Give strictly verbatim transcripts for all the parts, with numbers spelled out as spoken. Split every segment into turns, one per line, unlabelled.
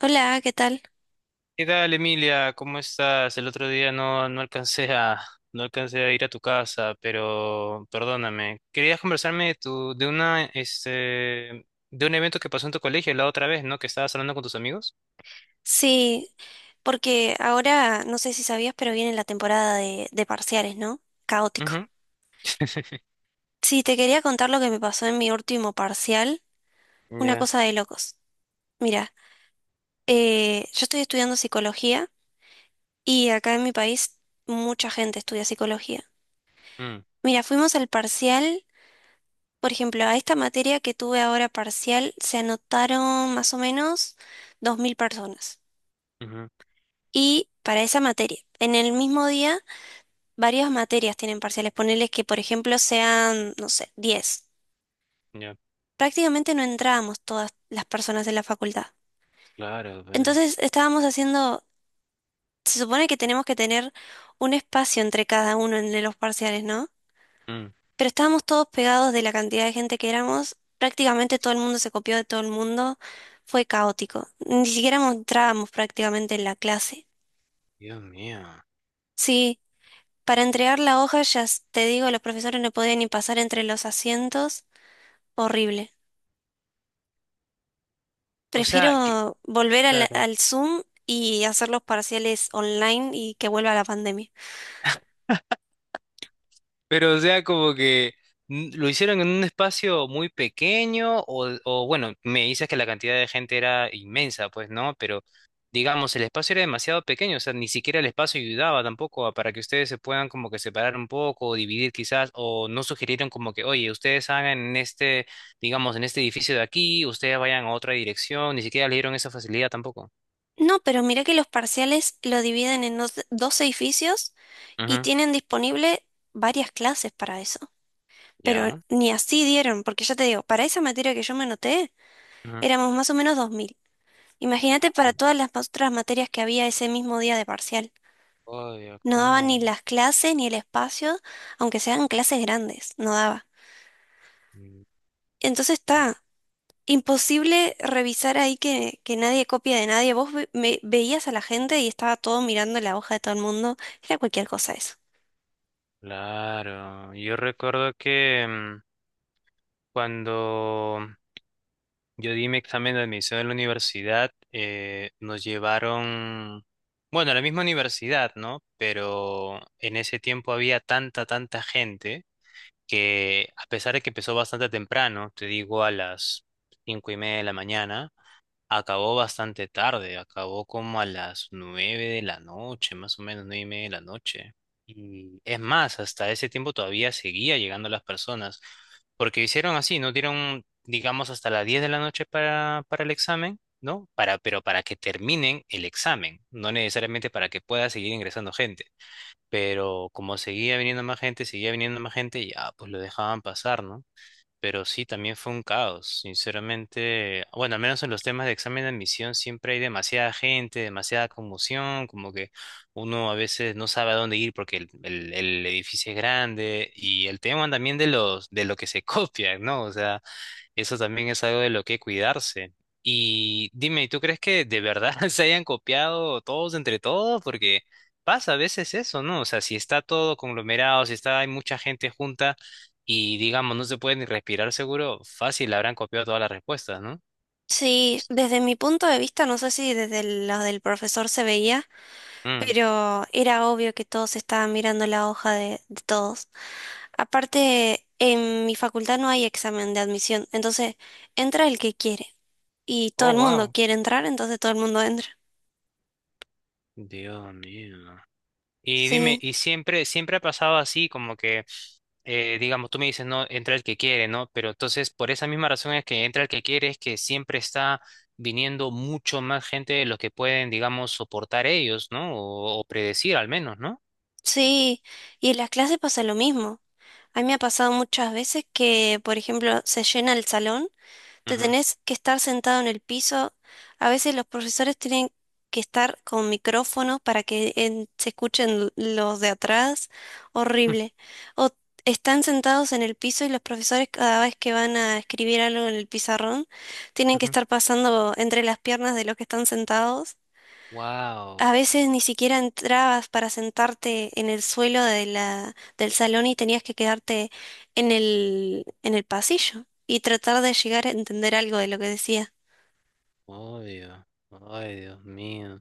Hola, ¿qué tal?
¿Qué tal, Emilia? ¿Cómo estás? El otro día no, no alcancé a, no alcancé a ir a tu casa, pero perdóname. Querías conversarme de tu, de una, este, de un evento que pasó en tu colegio la otra vez, ¿no? Que estabas hablando con tus amigos.
Sí, porque ahora no sé si sabías, pero viene la temporada de, de parciales, ¿no? Caótico.
Ujú.
Sí, te quería contar lo que me pasó en mi último parcial, una
Ya.
cosa de locos. Mira, eh, yo estoy estudiando psicología y acá en mi país mucha gente estudia psicología.
Mm.
Mira, fuimos al parcial, por ejemplo, a esta materia que tuve ahora parcial se anotaron más o menos dos mil personas.
Ujú.
Y para esa materia, en el mismo día varias materias tienen parciales. Ponerles que, por ejemplo, sean, no sé, diez.
Ya.
Prácticamente no entrábamos todas las personas en la facultad.
Claro, ve.
Entonces estábamos haciendo, se supone que tenemos que tener un espacio entre cada uno en los parciales, ¿no?
Mm.
Pero estábamos todos pegados de la cantidad de gente que éramos. Prácticamente todo el mundo se copió de todo el mundo. Fue caótico. Ni siquiera entrábamos prácticamente en la clase.
Dios mío.
Sí, para entregar la hoja, ya s- te digo, los profesores no podían ni pasar entre los asientos. Horrible.
O sea, que,
Prefiero volver al,
claro.
al Zoom y hacer los parciales online y que vuelva la pandemia.
Pero, o sea, como que mm, lo hicieron en un espacio muy pequeño, o, o, bueno, me dices que la cantidad de gente era inmensa, pues no, pero digamos, el espacio era demasiado pequeño, o sea, ni siquiera el espacio ayudaba tampoco a- para que ustedes se puedan como que separar un poco, o dividir quizás, o no sugirieron como que, oye, ustedes hagan en este, digamos, en este edificio de aquí, ustedes vayan a otra dirección, ni siquiera le dieron esa facilidad tampoco.
No, pero mirá que los parciales lo dividen en dos, dos edificios y
Ujú.
tienen disponible varias clases para eso. Pero
Ya.
ni así dieron, porque ya te digo, para esa materia que yo me anoté,
Ujú.
éramos más o menos dos mil. Imagínate
Ah,
para
la
todas las ma- otras materias que había ese mismo día de parcial.
joya,
No daba ni
claro.
las clases ni el espacio, aunque sean clases grandes, no daba. Entonces está. Imposible revisar ahí que, que nadie copia de nadie. Vos ve- me- veías a la gente y estaba todo mirando la hoja de todo el mundo. Era cualquier cosa eso.
Claro, yo recuerdo que mm, cuando yo di mi examen de admisión en la universidad, eh, nos llevaron, bueno, a la misma universidad, ¿no? Pero en ese tiempo había tanta, tanta gente que a pesar de que empezó bastante temprano, te digo a las cinco y media de la mañana, Acabó bastante tarde, acabó como a las nueve de la noche, más o menos nueve y media de la noche. Y es más, hasta ese tiempo todavía seguía llegando las personas, porque hicieron así, no dieron, digamos, hasta las diez de la noche para, para, el examen, ¿no? Para, pero para que terminen el examen, no necesariamente para que pueda seguir ingresando gente. Pero como seguía viniendo más gente, seguía viniendo más gente, ya, pues lo dejaban pasar, ¿no? Pero sí, también fue un caos, sinceramente. Bueno, al menos en los temas de examen de admisión siempre hay demasiada gente, demasiada conmoción, como que uno a veces no sabe a dónde ir porque el, el- el edificio es grande y el tema también de los de lo que se copia, ¿no? O sea, eso también es algo de lo que cuidarse. Y dime, ¿tú crees que de verdad se hayan copiado todos entre todos? Porque pasa a veces eso, ¿no? O sea, si está todo conglomerado, si está, hay mucha gente junta y digamos, no se puede ni respirar seguro, fácil habrán copiado todas las respuestas, ¿no?
Sí, desde mi punto de vista, no sé si desde el lado del profesor se veía,
Mm.
pero era obvio que todos estaban mirando la hoja de, de todos. Aparte, en mi facultad no hay examen de admisión, entonces entra el que quiere y todo
Oh,
el mundo
wow.
quiere entrar, entonces todo el mundo entra.
Dios mío. Y dime,
Sí.
¿y siempre, siempre ha pasado así, como que, eh, digamos, tú me dices, no, entra el que quiere, ¿no? Pero entonces, por esa misma razón es que entra el que quiere, es que siempre está viniendo mucho más gente de los que pueden, digamos, soportar ellos, ¿no? O, o predecir al menos, ¿no?
Sí, y en las clases pasa lo mismo. A mí me ha pasado muchas veces que, por ejemplo, se llena el salón, te
Ujú.
tenés que estar sentado en el piso. A veces los profesores tienen que estar con micrófonos para que en- se escuchen los de atrás. Horrible. O están sentados en el piso y los profesores cada vez que van a escribir algo en el pizarrón, tienen que estar pasando entre las piernas de los que están sentados.
Wow,
A veces ni siquiera entrabas para sentarte en el suelo de la, del salón y tenías que quedarte en el, en el pasillo y tratar de llegar a entender algo de lo que decía.
obvio. Ay, Dios mío.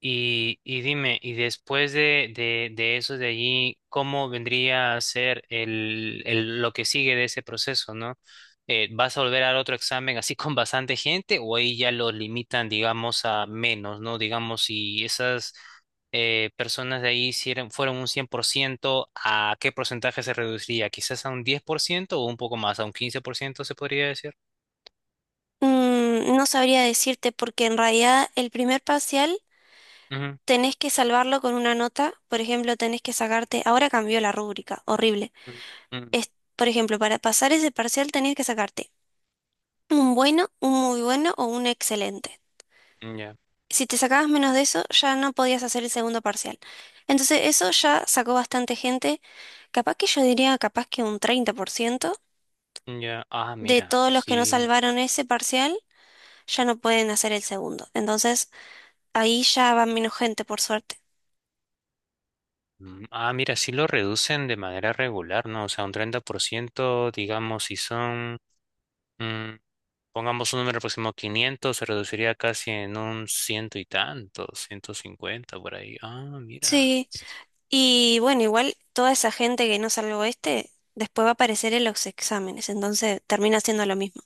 Y, y dime, y después de, de, de eso de allí, ¿cómo vendría a ser el, el- lo que sigue de ese proceso, ¿no? Eh, ¿vas a volver al otro examen así con bastante gente o ahí ya lo limitan, digamos, a menos, ¿no? Digamos, si esas eh, personas de ahí hicieron, fueron un cien por ciento, ¿a qué porcentaje se reduciría? ¿Quizás a un diez por ciento o un poco más, a un quince por ciento se podría decir?
Mm, no sabría decirte porque en realidad el primer parcial
Ujú.
tenés que salvarlo con una nota. Por ejemplo, tenés que sacarte, ahora cambió la rúbrica, horrible.
Ujú.
Es, por ejemplo, para pasar ese parcial tenías que sacarte un bueno, un muy bueno o un excelente.
Ujú. Ya.
Si te sacabas menos de eso, ya no podías hacer el segundo parcial. Entonces, eso ya sacó bastante gente, capaz que yo diría, capaz que un treinta por ciento
Ya. Ah,
de
mira,
todos los que no
sí.
salvaron ese parcial ya no pueden hacer el segundo. Entonces, ahí ya va menos gente, por suerte.
Mm. Ah, mira, sí lo reducen de manera regular, ¿no? O sea, un treinta por ciento, digamos, si son, mm, pongamos un número próximo, quinientos, se reduciría casi en un ciento y tanto, ciento cincuenta por ahí. Ah, mira.
Sí, y bueno, igual toda esa gente que no salvó este, después va a aparecer en los exámenes, entonces termina siendo lo mismo.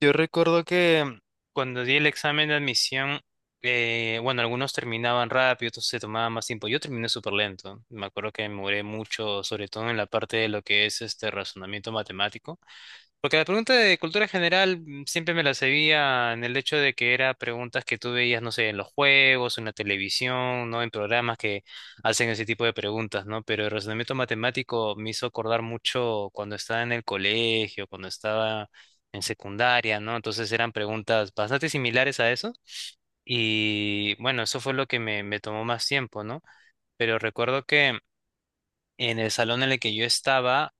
Yo recuerdo que cuando di el examen de admisión, eh, bueno, algunos terminaban rápido, otros se tomaban más tiempo. Yo terminé súper lento. Me acuerdo que me demoré mucho, sobre todo en la parte de lo que es este razonamiento matemático. Porque la pregunta de cultura general mm, siempre me la sabía, en el hecho de que era preguntas que tú veías, no sé, en los juegos, en la televisión, ¿no? En programas que hacen ese tipo de preguntas, ¿no? Pero el razonamiento matemático me hizo acordar mucho cuando estaba en el colegio, cuando estaba en secundaria, ¿no? Entonces eran preguntas bastante similares a eso. Y bueno, eso fue lo que me, me tomó más tiempo, ¿no? Pero recuerdo que en el salón en el que yo estaba,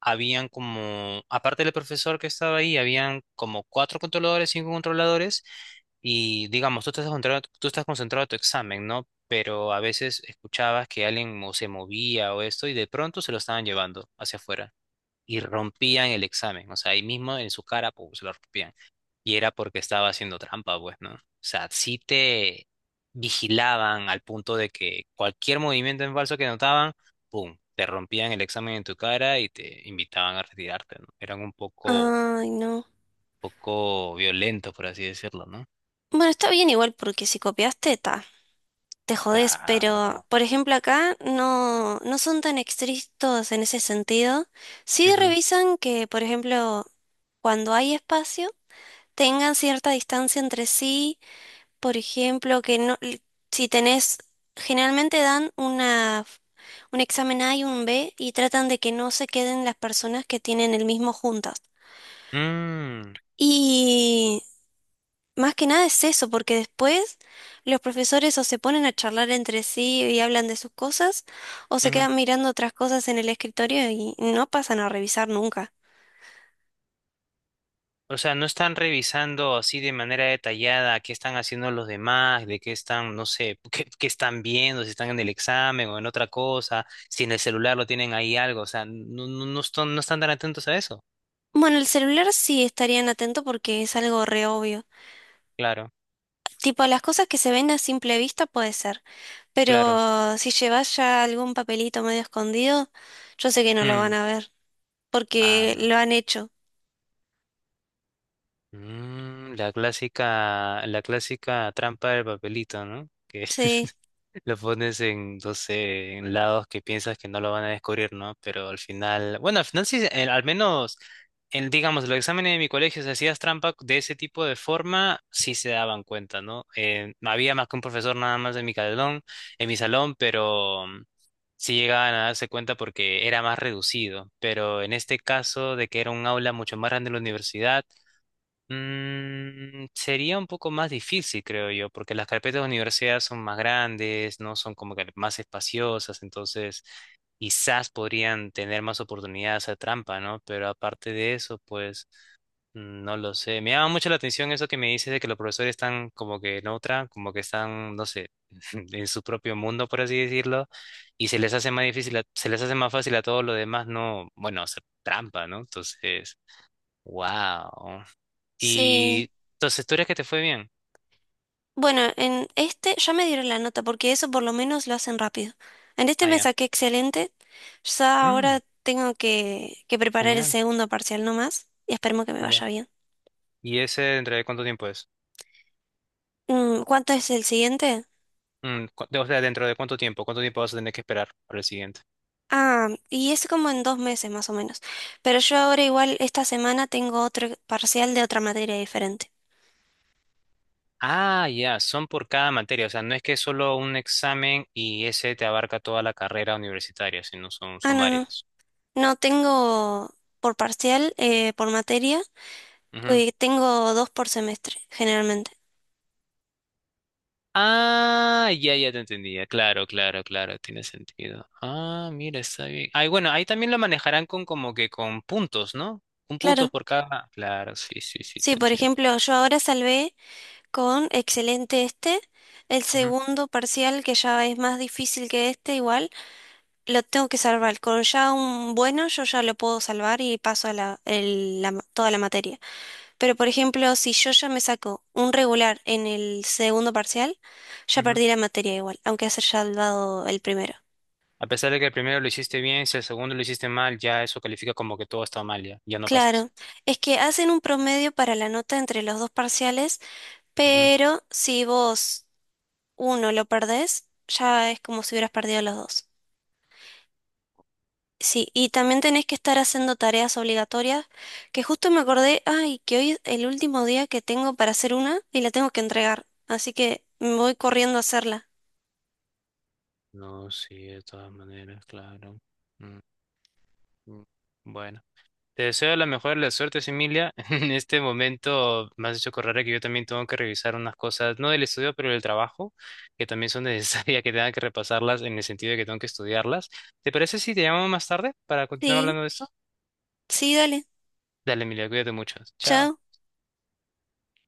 habían como, aparte del profesor que estaba ahí, habían como cuatro controladores, cinco controladores, y digamos, tú estás concentrado, tú estás concentrado en tu examen, ¿no? Pero a veces escuchabas que alguien mo- se movía o esto, y de pronto se lo estaban llevando hacia afuera y rompían el examen. O sea, ahí mismo en su cara, pum, se lo rompían. Y era porque estaba haciendo trampa, pues, ¿no? O sea, sí te vigilaban al punto de que cualquier movimiento en falso que notaban, pum, te rompían el examen en tu cara y te invitaban a retirarte, ¿no? Eran un poco,
Ay, no.
poco violentos, por así decirlo, ¿no?
Bueno, está bien igual porque si copiaste, está. Te jodés, pero
Claro.
por ejemplo acá no, no son tan estrictos en ese sentido. Sí
Ujú.
revisan que, por ejemplo, cuando hay espacio, tengan cierta distancia entre sí, por ejemplo, que no, l- si tenés, generalmente dan una, f- un examen A y un B y tratan de que no se queden las personas que tienen el mismo juntas.
Mm.
Más que nada es eso, porque después los profesores o se ponen a charlar entre sí y hablan de sus cosas, o se
Ujú.
quedan mirando otras cosas en el escritorio y no pasan a revisar nunca.
O sea, no están revisando así de manera detallada qué están haciendo los demás, de qué están, no sé, qué, qué están viendo, si están en el examen o en otra cosa, si en el celular lo tienen ahí algo, o sea, no, no, no están, no están tan atentos a eso.
Bueno, el celular sí estarían atentos porque es algo re obvio.
Claro,
Tipo, las cosas que se ven a simple vista puede ser,
claro.
pero si llevas ya algún papelito medio escondido, yo sé que no lo van
Mm.
a ver,
Ah,
porque
no.
lo han hecho.
Mm, la clásica, la clásica, trampa del papelito, ¿no? Que
Sí,
Lo pones en, no sé, en lados que piensas que no lo van a descubrir, ¿no? Pero al final, bueno, al final sí, eh, al menos, en, digamos, los exámenes de mi colegio, si hacías trampa de ese tipo de forma, sí se daban cuenta, ¿no? Eh, no había más que un profesor nada más en mi salón, en mi salón, pero mm, sí llegaban a darse cuenta porque era más reducido. Pero en este caso de que era un aula mucho más grande de la universidad, Mm, sería un poco más difícil, creo yo, porque las carpetas de universidad son más grandes, no son como que más espaciosas, entonces quizás podrían tener más oportunidades a trampa, ¿no? Pero aparte de eso, pues mm, no lo sé. Me llama mucho la atención eso que me dices de que los profesores están como que en otra, como que están, no sé, en su propio mundo, por así decirlo, y se les hace más difícil, a- se les hace más fácil a todos los demás no, bueno, hacer trampa, ¿no? Entonces, wow.
sí.
Y entonces, ¿tú eres que te fue bien?
Bueno, en este ya me dieron la nota porque eso por lo menos lo hacen rápido. En este
Ah,
me
ya.
saqué excelente. Ya
Mm,
ahora tengo que, que preparar el
genial,
segundo parcial nomás y esperemos que me vaya
ya.
bien.
¿Y ese dentro de cuánto tiempo es?
Mm, ¿cuánto es el siguiente?
Mm, cu- o sea, ¿dentro de cuánto tiempo? ¿Cuánto tiempo vas a tener que esperar para el siguiente?
Ah, y es como en dos meses más o menos. Pero yo ahora igual esta semana tengo otro parcial de otra materia diferente.
Ah, ya, son por cada materia, o sea, no es que es solo un examen y ese te abarca toda la carrera universitaria, sino son,
Ah,
son
no, no.
varios.
No tengo por parcial, eh, por materia,
Ujú.
eh, tengo dos por semestre, generalmente.
Ah, ya, ya te entendía, claro, claro, claro, tiene sentido. Ah, mira, está bien. Ay, bueno, ahí también lo manejarán con como que con puntos, ¿no? Un punto
Claro.
por cada. Claro, sí, sí, sí,
Sí,
te
por
entiendo.
ejemplo, yo ahora salvé con excelente este. El
Ujú.
segundo parcial, que ya es más difícil que este, igual, lo tengo que salvar. Con ya un bueno, yo ya lo puedo salvar y paso a la, el- la ma- toda la materia. Pero, por ejemplo, si yo ya me saco un regular en el segundo parcial, ya
Ujú.
perdí la materia igual, aunque haya salvado el primero.
A pesar de que el primero lo hiciste bien, si el segundo lo hiciste mal, ya eso califica como que todo está mal, ya, ya no pasas.
Claro, es que hacen un promedio para la nota entre los dos parciales,
Ujú.
pero si vos uno lo perdés, ya es como si hubieras perdido los dos. Sí, y también tenés que estar haciendo tareas obligatorias, que justo me acordé, ay, que hoy es el último día que tengo para hacer una y la tengo que entregar, así que me voy corriendo a hacerla.
No, sí, de todas maneras, claro. Mm. Mm. Bueno, te deseo la mejor de las suertes, Emilia. En este momento me has hecho correr, que yo también tengo que revisar unas cosas, no del estudio, pero del trabajo, que también son necesarias, que tenga que repasarlas en el sentido de que tengo que estudiarlas. ¿Te parece si te llamamos más tarde para continuar
Sí,
hablando de esto?
sí, dale,
Dale, Emilia, cuídate mucho. Chao.
chao.